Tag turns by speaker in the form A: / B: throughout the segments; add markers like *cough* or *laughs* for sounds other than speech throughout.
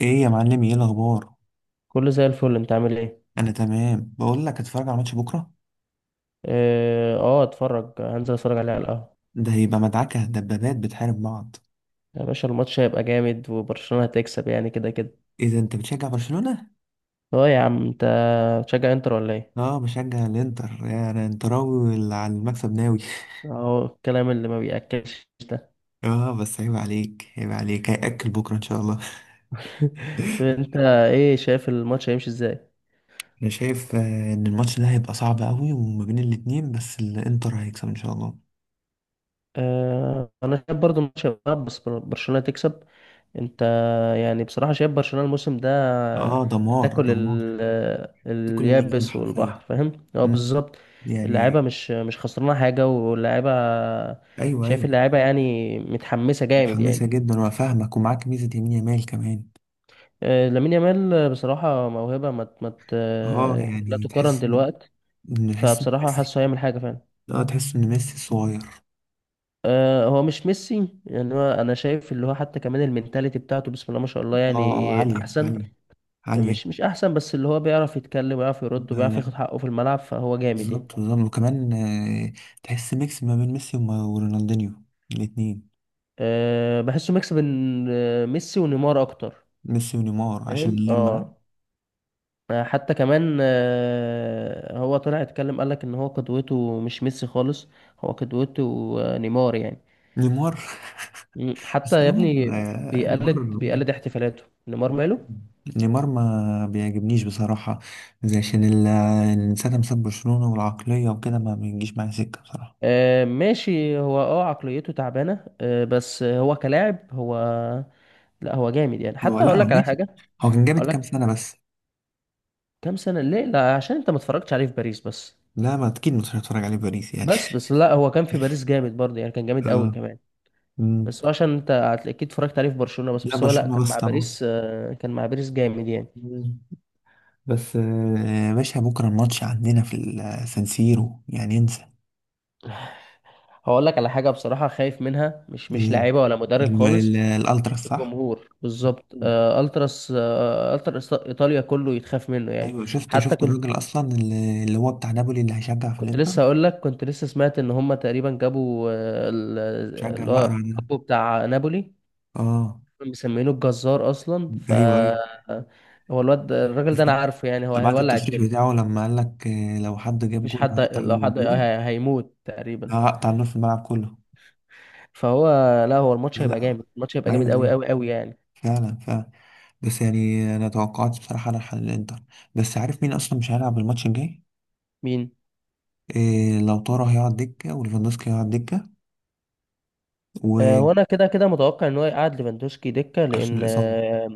A: ايه يا معلم، ايه الاخبار؟
B: كله زي الفل، انت عامل ايه؟
A: انا تمام. بقول لك اتفرج على ماتش بكره.
B: اه، آه، هنزل اتفرج عليه على القهوة.
A: ده هيبقى مدعكه، دبابات بتحارب بعض.
B: يا باشا الماتش هيبقى جامد وبرشلونة هتكسب يعني كده كده.
A: ايه ده؟ انت بتشجع برشلونه؟
B: اه يا عم انت، بتشجع انتر ولا ايه؟
A: اه، بشجع الانتر. يا انا انتراوي، واللي على المكسب ناوي.
B: اهو الكلام اللي ما بيأكلش ده.
A: اه بس، عيب عليك عيب عليك، هياكل بكره ان شاء الله. *laughs*
B: *laughs* طب انت ايه شايف الماتش هيمشي ازاي؟
A: انا شايف ان الماتش ده هيبقى صعب قوي وما بين الاتنين، بس الانتر هيكسب ان شاء الله.
B: انا شايف برضو ماتش هيبقى بس برشلونة تكسب. انت، يعني بصراحة شايف برشلونة الموسم ده
A: اه، دمار
B: هتاكل
A: دمار. ده كل اللي يجيله
B: اليابس
A: حرفيا.
B: والبحر، فاهم هو
A: مم.
B: بالظبط. اللعيبة
A: يعني.
B: مش خسرانة حاجة واللعيبة،
A: ايوه،
B: شايف
A: ايوه.
B: اللعيبة يعني متحمسة جامد يعني.
A: متحمسه جدا، وفاهمك ومعاك ميزه يمين يامال كمان.
B: لامين يامال بصراحة موهبة ما
A: اه
B: لا
A: يعني،
B: تقارن
A: تحس ان،
B: دلوقتي،
A: تحس ان
B: فبصراحة
A: ميسي.
B: حاسه هيعمل حاجة فعلا.
A: اه، تحس ان ميسي صغير.
B: هو مش ميسي يعني، هو انا شايف اللي هو حتى كمان المينتاليتي بتاعته بسم الله ما شاء الله
A: اه اه،
B: يعني
A: عالية
B: احسن،
A: عالية عالية.
B: مش احسن، بس اللي هو بيعرف يتكلم ويعرف يرد
A: لا
B: وبيعرف
A: لا.
B: ياخد حقه في الملعب، فهو جامد يعني.
A: بالظبط بالظبط، وكمان تحس ميكس ما بين ميسي ورونالدينيو. الاتنين.
B: أه بحسه ميكس بين ميسي ونيمار اكتر،
A: ميسي ونيمار عشان
B: فاهم.
A: لما.
B: اه، حتى كمان هو طلع اتكلم قالك ان هو قدوته مش ميسي خالص، هو قدوته نيمار يعني.
A: نيمار. *laughs*
B: حتى
A: بس
B: يا
A: نيمار،
B: ابني
A: نيمار.
B: بيقلد احتفالاته نيمار، ماله.
A: نيمار ما بيعجبنيش بصراحة، زي عشان ساعة ما ساب برشلونة والعقلية وكده، ما بيجيش معايا سكة بصراحة.
B: آه، ماشي، هو عقليته تعبانه، بس هو كلاعب هو، لا هو جامد يعني.
A: هو
B: حتى هقول
A: لا،
B: لك على
A: ماشي.
B: حاجه.
A: هو كان جامد
B: هقول
A: كام
B: لك،
A: سنة بس.
B: كام سنه ليه؟ لا عشان انت ما اتفرجتش عليه في باريس بس.
A: لا، ما اكيد مش هتفرج عليه باريس يعني.
B: بس لا، هو كان في باريس جامد برضه يعني، كان
A: *laughs*
B: جامد قوي
A: اه.
B: كمان.
A: مم.
B: بس هو عشان انت اكيد اتفرجت عليه في برشلونه بس،
A: لا
B: هو لا،
A: برشلونة
B: كان
A: بس
B: مع
A: طبعا.
B: باريس، كان مع باريس جامد يعني.
A: مم. بس يا باشا، بكره الماتش عندنا في السانسيرو، يعني انسى.
B: هقول لك على حاجه بصراحه خايف منها، مش
A: إيه؟
B: لاعيبه ولا مدرب
A: لما
B: خالص،
A: الالتراس، صح.
B: الجمهور بالظبط.
A: مم.
B: التراس، التراس ايطاليا كله يتخاف منه يعني.
A: ايوه، شفت
B: حتى
A: شفت
B: كنت،
A: الراجل اصلا اللي هو بتاع نابولي، اللي هيشجع في
B: كنت
A: الانتر.
B: لسه هقول لك كنت لسه سمعت ان هم تقريبا جابوا
A: شجع
B: اللي هو
A: الاقرع ده.
B: كابو بتاع نابولي،
A: اه.
B: مسمينه الجزار اصلا. ف،
A: ايوه ايوه.
B: هو الراجل ده انا
A: *laughs*
B: عارفه يعني، هو
A: سمعت
B: هيولع
A: التصريح
B: الدنيا.
A: بتاعه لما قال لك، لو حد جاب
B: مفيش
A: جول
B: حد
A: هقطع من
B: لو حد
A: النور.
B: هيموت تقريبا.
A: هقطع النور في الملعب كله.
B: فهو لا، هو
A: لا
B: الماتش هيبقى
A: لا.
B: جامد، الماتش هيبقى
A: ايوه
B: جامد قوي
A: ايوه.
B: قوي قوي يعني.
A: فعلا فعلا. بس يعني انا توقعت بصراحه على حل الانتر. بس عارف مين اصلا مش هيلعب الماتش الجاي؟
B: مين؟
A: إيه، لو طارا هيقعد دكه، وليفاندوسكي هيقعد دكه.
B: هو
A: وعشان
B: انا كده كده متوقع ان هو يقعد ليفاندوسكي دكة، لان
A: الاصابه.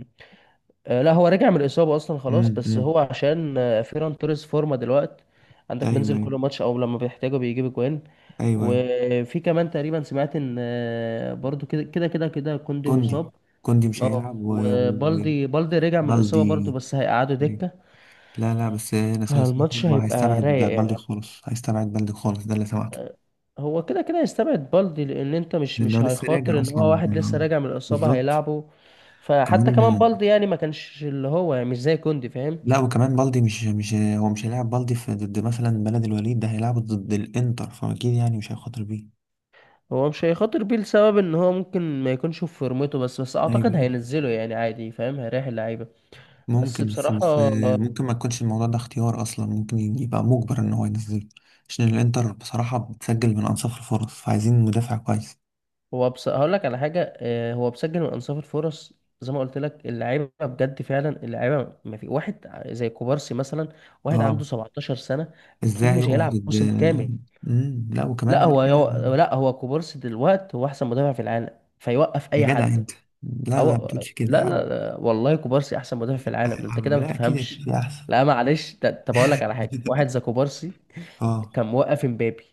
B: لا، هو رجع من الإصابة أصلا
A: امم
B: خلاص. بس
A: امم
B: هو عشان فيران توريس فورمة دلوقتي، عندك
A: ايوه
B: بينزل
A: ايوه.
B: كل ماتش أو لما بيحتاجه بيجيب أجوان.
A: ايوه ايوه.
B: وفي كمان تقريبا سمعت إن برضو كده كده كده كده كوندي
A: كوندي.
B: مصاب.
A: كوندي مش هيلعب.
B: اه، وبالدي بالدي رجع من الإصابة برضو،
A: وبالدي.
B: بس هيقعدوا دكة،
A: لا لا، بس انا سمعت
B: فالماتش
A: إنه
B: هيبقى
A: هيستبعد
B: رايق يعني.
A: بالدي خالص، هيستبعد بالدي خالص، ده اللي سمعته.
B: آه، هو كده كده يستبعد بالدي، لأن أنت مش
A: لانه
B: مش
A: لسه
B: هيخاطر
A: راجع
B: إن
A: اصلا.
B: هو واحد لسه راجع من الإصابة
A: بالظبط.
B: هيلعبه. فحتى كمان
A: كمان.
B: بالدي، يعني ما كانش اللي هو، يعني مش زي كوندي فاهم.
A: لا وكمان بالدي، مش هو مش هيلعب بالدي في ضد مثلا بلد الوليد ده هيلعبه ضد الانتر، فاكيد يعني مش هيخاطر بيه.
B: هو مش هيخاطر بيه لسبب ان هو ممكن ما يكونش في فورمته، بس
A: ايوه
B: اعتقد
A: ايوه.
B: هينزله يعني عادي، فاهم، هيريح اللعيبه بس
A: ممكن، بس
B: بصراحه.
A: بس ممكن ما يكونش الموضوع ده اختيار اصلا، ممكن يبقى مجبر ان هو ينزله عشان الانتر بصراحة بتسجل من انصاف الفرص، فعايزين مدافع كويس.
B: هو، بس هقول لك على حاجه، هو بسجل من انصاف الفرص زي ما قلت لك، اللعيبه بجد فعلا اللعيبه، ما في واحد زي كوبارسي مثلا، واحد عنده
A: اه.
B: 17 سنه، اكيد
A: ازاي
B: مش
A: يقف
B: هيلعب
A: ضد؟
B: موسم كامل.
A: لا وكمان
B: لا
A: غير كده.
B: لا، هو كوبارسي دلوقتي هو احسن مدافع في العالم، فيوقف
A: يا
B: اي
A: جدع
B: حد.
A: انت. لا لا، ما
B: أو...
A: تقولش كده يا
B: لا
A: عم.
B: لا لا والله كوبارسي احسن مدافع
A: لا
B: في
A: يا
B: العالم، انت كده
A: عم،
B: ما
A: لا اكيد اكيد
B: بتفهمش.
A: في احسن.
B: لا معلش طب اقول لك على حاجه، واحد
A: *laughs*
B: زي كوبارسي
A: اه.
B: كان موقف امبابي،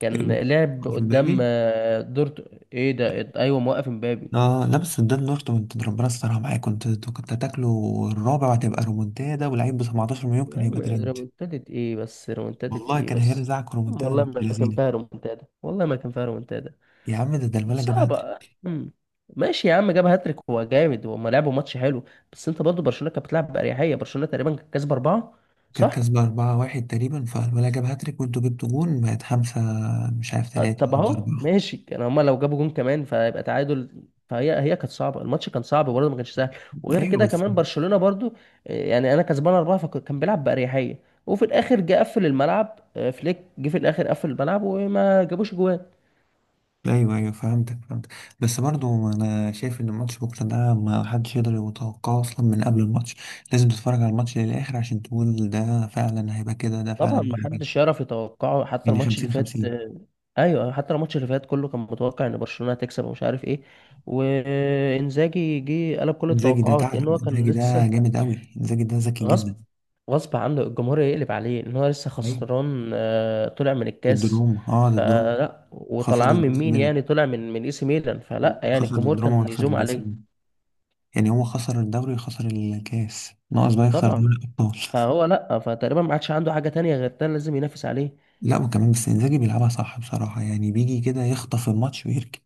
B: كان
A: كان-
B: لعب
A: في
B: قدام
A: مبابي.
B: دورت. ايه ده، ايوه، موقف امبابي.
A: اه لا، بس قدام دورتموند ربنا استرها معايا، كنت هتاكله الرابع وهتبقى رومونتادا، واللعيب ب 17 مليون
B: يا
A: كان هيبقى
B: عم
A: ترند.
B: ريمونتادة ايه بس، ريمونتادة
A: والله
B: ايه
A: كان
B: بس،
A: هيرزعك
B: عم
A: رومونتادا
B: والله
A: بنت
B: ما كان
A: لذينه.
B: فيها ريمونتادا، والله ما كان فيها ريمونتادا
A: يا عم، ده الولد جاب
B: صعبة.
A: هاتريك.
B: أمم. ماشي يا عم، جاب هاتريك، هو جامد وهم لعبوا ماتش حلو، بس انت برضه برشلونة كانت بتلعب بأريحية، برشلونة تقريبا كانت كسبة 4،
A: كانت
B: صح؟
A: كسبة 4-1 تقريبا، فالولد جاب هاتريك وانتوا جبتوا جون بقت خمسة. مش عارف تلاتة
B: طب
A: خمسة
B: اهو
A: أربعة.
B: ماشي، كان هما لو جابوا جون كمان فيبقى تعادل. فهي كانت صعبه، الماتش كان صعب برضه، ما كانش سهل. وغير
A: أيوة
B: كده
A: بس.
B: كمان برشلونه برضه، يعني انا كسبان 4، فكان بيلعب باريحيه، وفي الاخر جه قفل الملعب. فليك جه في الاخر قفل الملعب وما جابوش جوان.
A: أيوه أيوه، فهمتك فهمتك. بس برضو أنا شايف إن الماتش بكرة ده ما حدش يقدر يتوقعه أصلا من قبل الماتش. لازم تتفرج على الماتش للآخر عشان تقول ده فعلا هيبقى كده، ده
B: طبعا
A: فعلا
B: ما
A: هيبقى كده.
B: حدش يعرف يتوقعه، حتى
A: يعني
B: الماتش اللي
A: 50
B: فات
A: 50.
B: ايوه، حتى الماتش اللي فات كله كان متوقع ان برشلونه هتكسب ومش عارف ايه. وانزاجي جه قلب كل
A: انزاجي ده
B: التوقعات،
A: ثعلب،
B: لان هو كان
A: انزاجي ده
B: لسه،
A: جامد قوي، انزاجي ده ذكي جدا.
B: غصب غصب عنه الجمهور يقلب عليه، ان هو لسه
A: ايوه.
B: خسران طلع من
A: ضد
B: الكاس،
A: روما، اه، ضد روما.
B: فلا،
A: خسر
B: وطلعان
A: ضد
B: من مين
A: ميلان.
B: يعني؟ طلع من اي سي ميلان، فلا يعني
A: خسر
B: الجمهور
A: ضد روما
B: كان
A: وخسر
B: يزوم
A: ضد سي
B: عليه.
A: ميلان. يعني هو خسر الدوري وخسر الكاس، ناقص بقى يخسر
B: طبعا،
A: دوري الابطال.
B: فهو لا، فتقريبا ما عادش عنده حاجة تانية غير ده لازم ينافس عليه.
A: لا وكمان، بس انزاجي بيلعبها صح بصراحه، يعني بيجي كده يخطف الماتش ويركن.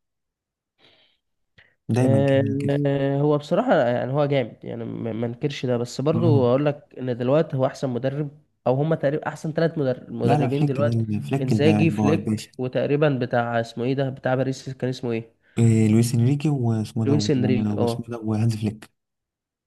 A: دايما
B: آه،
A: كمان كده.
B: هو بصراحة يعني هو جامد يعني، ما انكرش ده، بس برضو
A: اه.
B: اقول لك ان دلوقتي هو احسن مدرب، او هما تقريبا احسن 3
A: لا لا،
B: مدربين
A: فليك ده،
B: دلوقتي،
A: فليك
B: انزاجي، فليك،
A: الباشا.
B: وتقريبا بتاع اسمه ايه ده بتاع باريس، كان اسمه ايه،
A: إيه، لويس انريكي،
B: لويس انريكي.
A: واسمه
B: اه،
A: ده، وهانز فليك.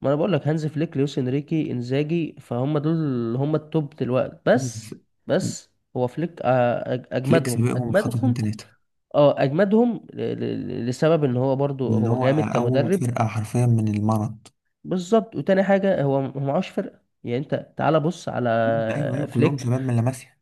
B: ما انا بقول لك، هانز فليك، لويس انريكي، انزاجي، فهم دول اللي هم التوب دلوقتي
A: مم.
B: بس. بس هو فليك
A: فليك
B: اجمدهم
A: سابقهم بخطوتين
B: اجمدهم.
A: ثلاثه.
B: اه اجمدهم لسبب ان هو برضو
A: اللي
B: هو
A: هو
B: جامد
A: أول
B: كمدرب.
A: فرقة حرفيا من المرض.
B: بالظبط، وتاني حاجه هو هو معهوش فرقه يعني، انت تعالى بص على
A: مم. أيوه أيوه، كلهم
B: فليك،
A: شباب من لاماسيا.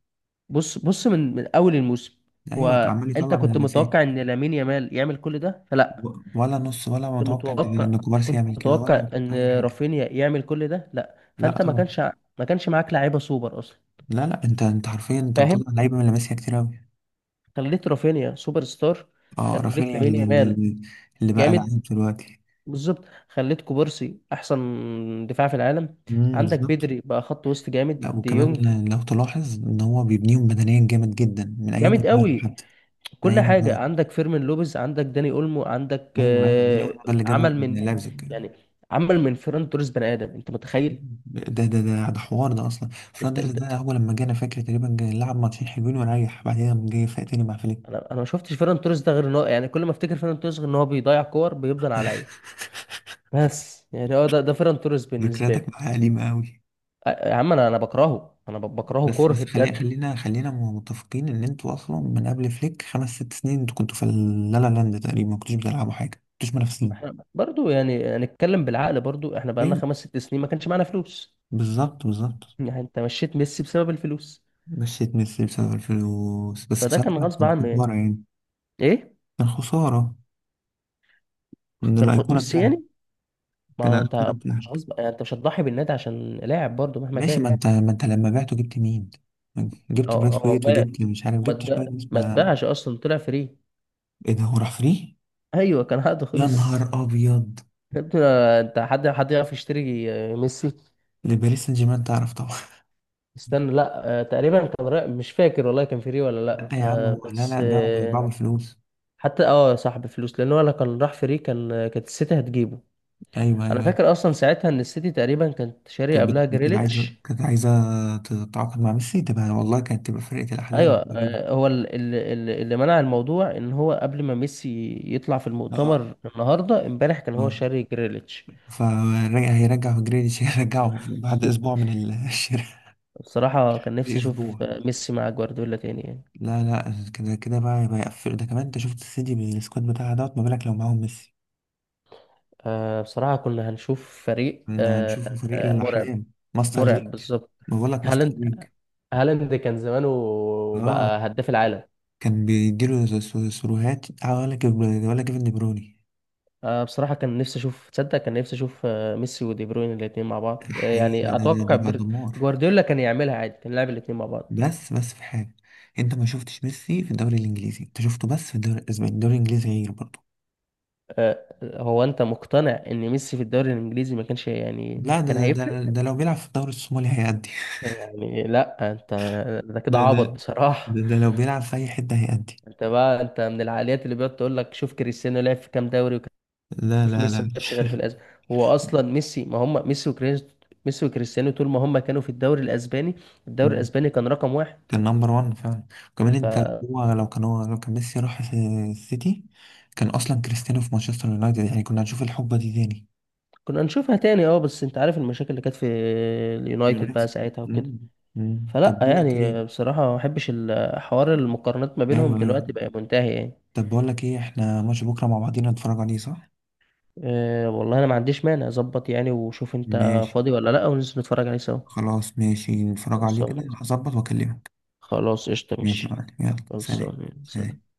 B: بص بص من اول الموسم.
A: أيوه،
B: هو
A: عمال
B: انت
A: يطلع من
B: كنت
A: لاماسيا.
B: متوقع ان لامين يامال يعمل كل ده؟ فلا.
A: ولا نص ولا
B: كنت
A: متوقع إن
B: متوقع
A: إن كوبارسي
B: كنت
A: يعمل كده ولا
B: متوقع
A: أي
B: ان
A: حاجة.
B: رافينيا يعمل كل ده؟ لا،
A: لا
B: فانت ما
A: طبعا.
B: كانش ما كانش معاك لعيبه سوبر اصلا،
A: لا لا، أنت حرفيا، أنت
B: فاهم.
A: مطلع لعيبة من لاماسيا كتير أوي.
B: خليت رافينيا سوبر ستار،
A: أه،
B: خليت
A: رافينيا
B: لامين
A: اللي،
B: يامال
A: اللي اللي بقى
B: جامد،
A: لعيب دلوقتي.
B: بالظبط، خليت كوبارسي احسن دفاع في العالم، عندك
A: بالظبط.
B: بدري بقى خط وسط جامد
A: لا
B: دي يونج،
A: وكمان لو تلاحظ إن هو بيبنيهم بدنيا جامد جدا، من أيام
B: جامد
A: البايرن
B: قوي،
A: حتى. من
B: كل
A: أيام
B: حاجه،
A: البايرن.
B: عندك فيرمين لوبيز، عندك داني اولمو، عندك
A: أيوه أيوه، داني أولمو ده اللي جابه
B: عمل من
A: من لايبزيج.
B: يعني عمل من فيران توريس بني ادم، انت متخيل؟
A: ده حوار ده اصلا. فرايد
B: انت،
A: رايس
B: انت
A: ده، هو لما جانا فاكر تقريبا جاي نلعب ماتشين حلوين ونريح، بعدين قام جاي فايق تاني مع فليك.
B: انا ما شفتش فيران توريس ده غير ان هو، يعني كل ما افتكر فيران توريس غير ان هو بيضيع كور بيفضل عليا.
A: *laughs*
B: بس يعني هو ده فيران توريس بالنسبه لي.
A: ذكرياتك معاه قديمة قوي.
B: يا عم، انا بكرهه، انا بكرهه
A: بس
B: كره
A: بس خلينا
B: بجد.
A: خلينا خلينا متفقين ان انتوا اصلا من قبل فليك خمس ست سنين، انتوا كنتوا في اللا لا لاند تقريبا، ما كنتوش بتلعبوا حاجة، ما كنتوش
B: ما
A: منافسين.
B: احنا برضو يعني نتكلم بالعقل، برضو احنا بقالنا
A: ايوه.
B: خمس ست سنين ما كانش معانا فلوس.
A: بالظبط بالظبط.
B: يعني انت مشيت ميسي بسبب الفلوس،
A: مشيت ميسي بسبب الفلوس، بس
B: فده كان
A: بصراحة
B: غصب
A: كنت
B: عنه
A: كنت
B: يعني.
A: مرة يعني.
B: ايه،
A: كان خسارة. ان
B: كان خد
A: الايقونة
B: ميسي
A: بتاعك.
B: يعني، ما
A: كان
B: هو انت
A: الايقونة
B: مش
A: بتاعك.
B: غصب يعني، انت مش هتضحي بالنادي عشان لاعب برضو مهما
A: ماشي، ما
B: كان.
A: انت ما انت لما بعته جبت مين؟ جبت
B: اه
A: بريس
B: هو
A: ويت،
B: ما،
A: وجبت مش عارف، جبت شوية ناس،
B: ما
A: ما.
B: اتباعش اصلا، طلع فري.
A: ايه ده، هو راح فري؟
B: ايوه، كان عقده
A: يا
B: خلص.
A: نهار ابيض.
B: يا ابني، انت حد، يعرف يشتري ميسي؟
A: لباريس سان جيرمان، تعرف طبعا.
B: استنى لا، تقريبا كان رأي مش فاكر والله، كان فري ولا
A: *laughs* لا
B: لا،
A: يا عم،
B: آه،
A: هو لا
B: بس
A: لا، باعوا
B: آه،
A: باعوا بالفلوس.
B: حتى صاحب فلوس، لان هو لو كان راح فري كان كانت السيتي هتجيبه.
A: ايوه
B: انا
A: ايوه أيوه.
B: فاكر اصلا ساعتها ان السيتي تقريبا كانت شاري قبلها
A: كانت عايزه،
B: جريليتش.
A: كانت عايزه تتعاقد مع ميسي، تبقى والله كانت تبقى فرقه
B: ايوه،
A: الاحلام تقريبا.
B: هو اللي منع الموضوع ان هو قبل ما ميسي يطلع في
A: اه
B: المؤتمر النهارده امبارح كان هو
A: اه.
B: شاري جريليتش.
A: فرجع، هيرجع جريليش، هيرجعه *laughs* بعد اسبوع
B: *laughs*
A: من *laughs* الشراء.
B: بصراحة كان
A: في
B: نفسي
A: اسبوع.
B: اشوف ميسي مع جوارديولا تاني يعني.
A: لا لا، كده كده بقى يبقى يقفل ده كمان، انت شفت السيتي بالسكواد بتاعها دوت، ما بالك لو معاهم ميسي.
B: بصراحة كنا هنشوف فريق
A: كنا هنشوف فريق
B: مرعب،
A: الأحلام. ماستر
B: مرعب
A: ليج.
B: بالظبط.
A: ما بقول لك ماستر
B: هالاند،
A: ليج.
B: هالاند كان زمانه
A: اه.
B: بقى هداف العالم.
A: كان بيديله سروهات، ولا ولا كيفن دي برويني.
B: بصراحة كان نفسي أشوف، تصدق كان نفسي أشوف ميسي ودي بروين الاتنين مع بعض،
A: حقيقي
B: يعني
A: ده ده
B: أتوقع
A: ده بقى دمار.
B: جوارديولا كان يعملها عادي، كان يلعب الاتنين مع بعض.
A: بس في حاجة. انت ما شفتش ميسي في الدوري الإنجليزي، انت شفته بس في الدوري الأسباني. الدوري الإنجليزي غير برضه.
B: هو أنت مقتنع إن ميسي في الدوري الإنجليزي ما كانش، يعني
A: لا،
B: كان هيفرق؟
A: ده لو بيلعب في الدوري الصومالي هيأدي.
B: يعني لا أنت، ده
A: *laughs*
B: كده
A: ده ده
B: عبط بصراحة.
A: ده لو بيلعب في أي حتة هيأدي.
B: *laughs* أنت بقى، أنت من العقليات اللي بيقعد تقول لك شوف كريستيانو لعب في كام دوري،
A: لا
B: في ميسي ما
A: لا
B: لعبش غير في الأز. هو أصلا ميسي، ما هم ميسي وكريستيانو، ميسي وكريستيانو طول ما هم كانوا في الدوري الأسباني، الدوري
A: لا. *laughs*
B: الأسباني كان رقم واحد.
A: كان نمبر وان فعلا. وكمان انت،
B: فكنا
A: هو لو كان ميسي راح السيتي، كان اصلا كريستيانو في مانشستر يونايتد، يعني كنا هنشوف الحقبه دي تاني.
B: نشوفها تاني. اه بس انت عارف المشاكل اللي كانت في اليونايتد بقى
A: يونايتد.
B: ساعتها وكده،
A: مم. مم.
B: فلا
A: طب بقول لك
B: يعني
A: ايه.
B: بصراحة ما بحبش حوار المقارنات، ما
A: ايوه
B: بينهم
A: ايوه.
B: دلوقتي بقى منتهي يعني.
A: طب بقول لك ايه، احنا ماتش بكره مع بعضينا نتفرج عليه، صح؟
B: أه والله انا ما عنديش مانع، اظبط يعني وشوف انت
A: ماشي.
B: فاضي ولا لا، وننزل نتفرج عليه سوا.
A: خلاص ماشي، نتفرج عليه كده،
B: خلصان.
A: هظبط واكلمك.
B: خلاص قشطة
A: ماشي يا
B: ماشي.
A: معلم، يلا سلام.
B: خلصان، سلام.
A: سلام.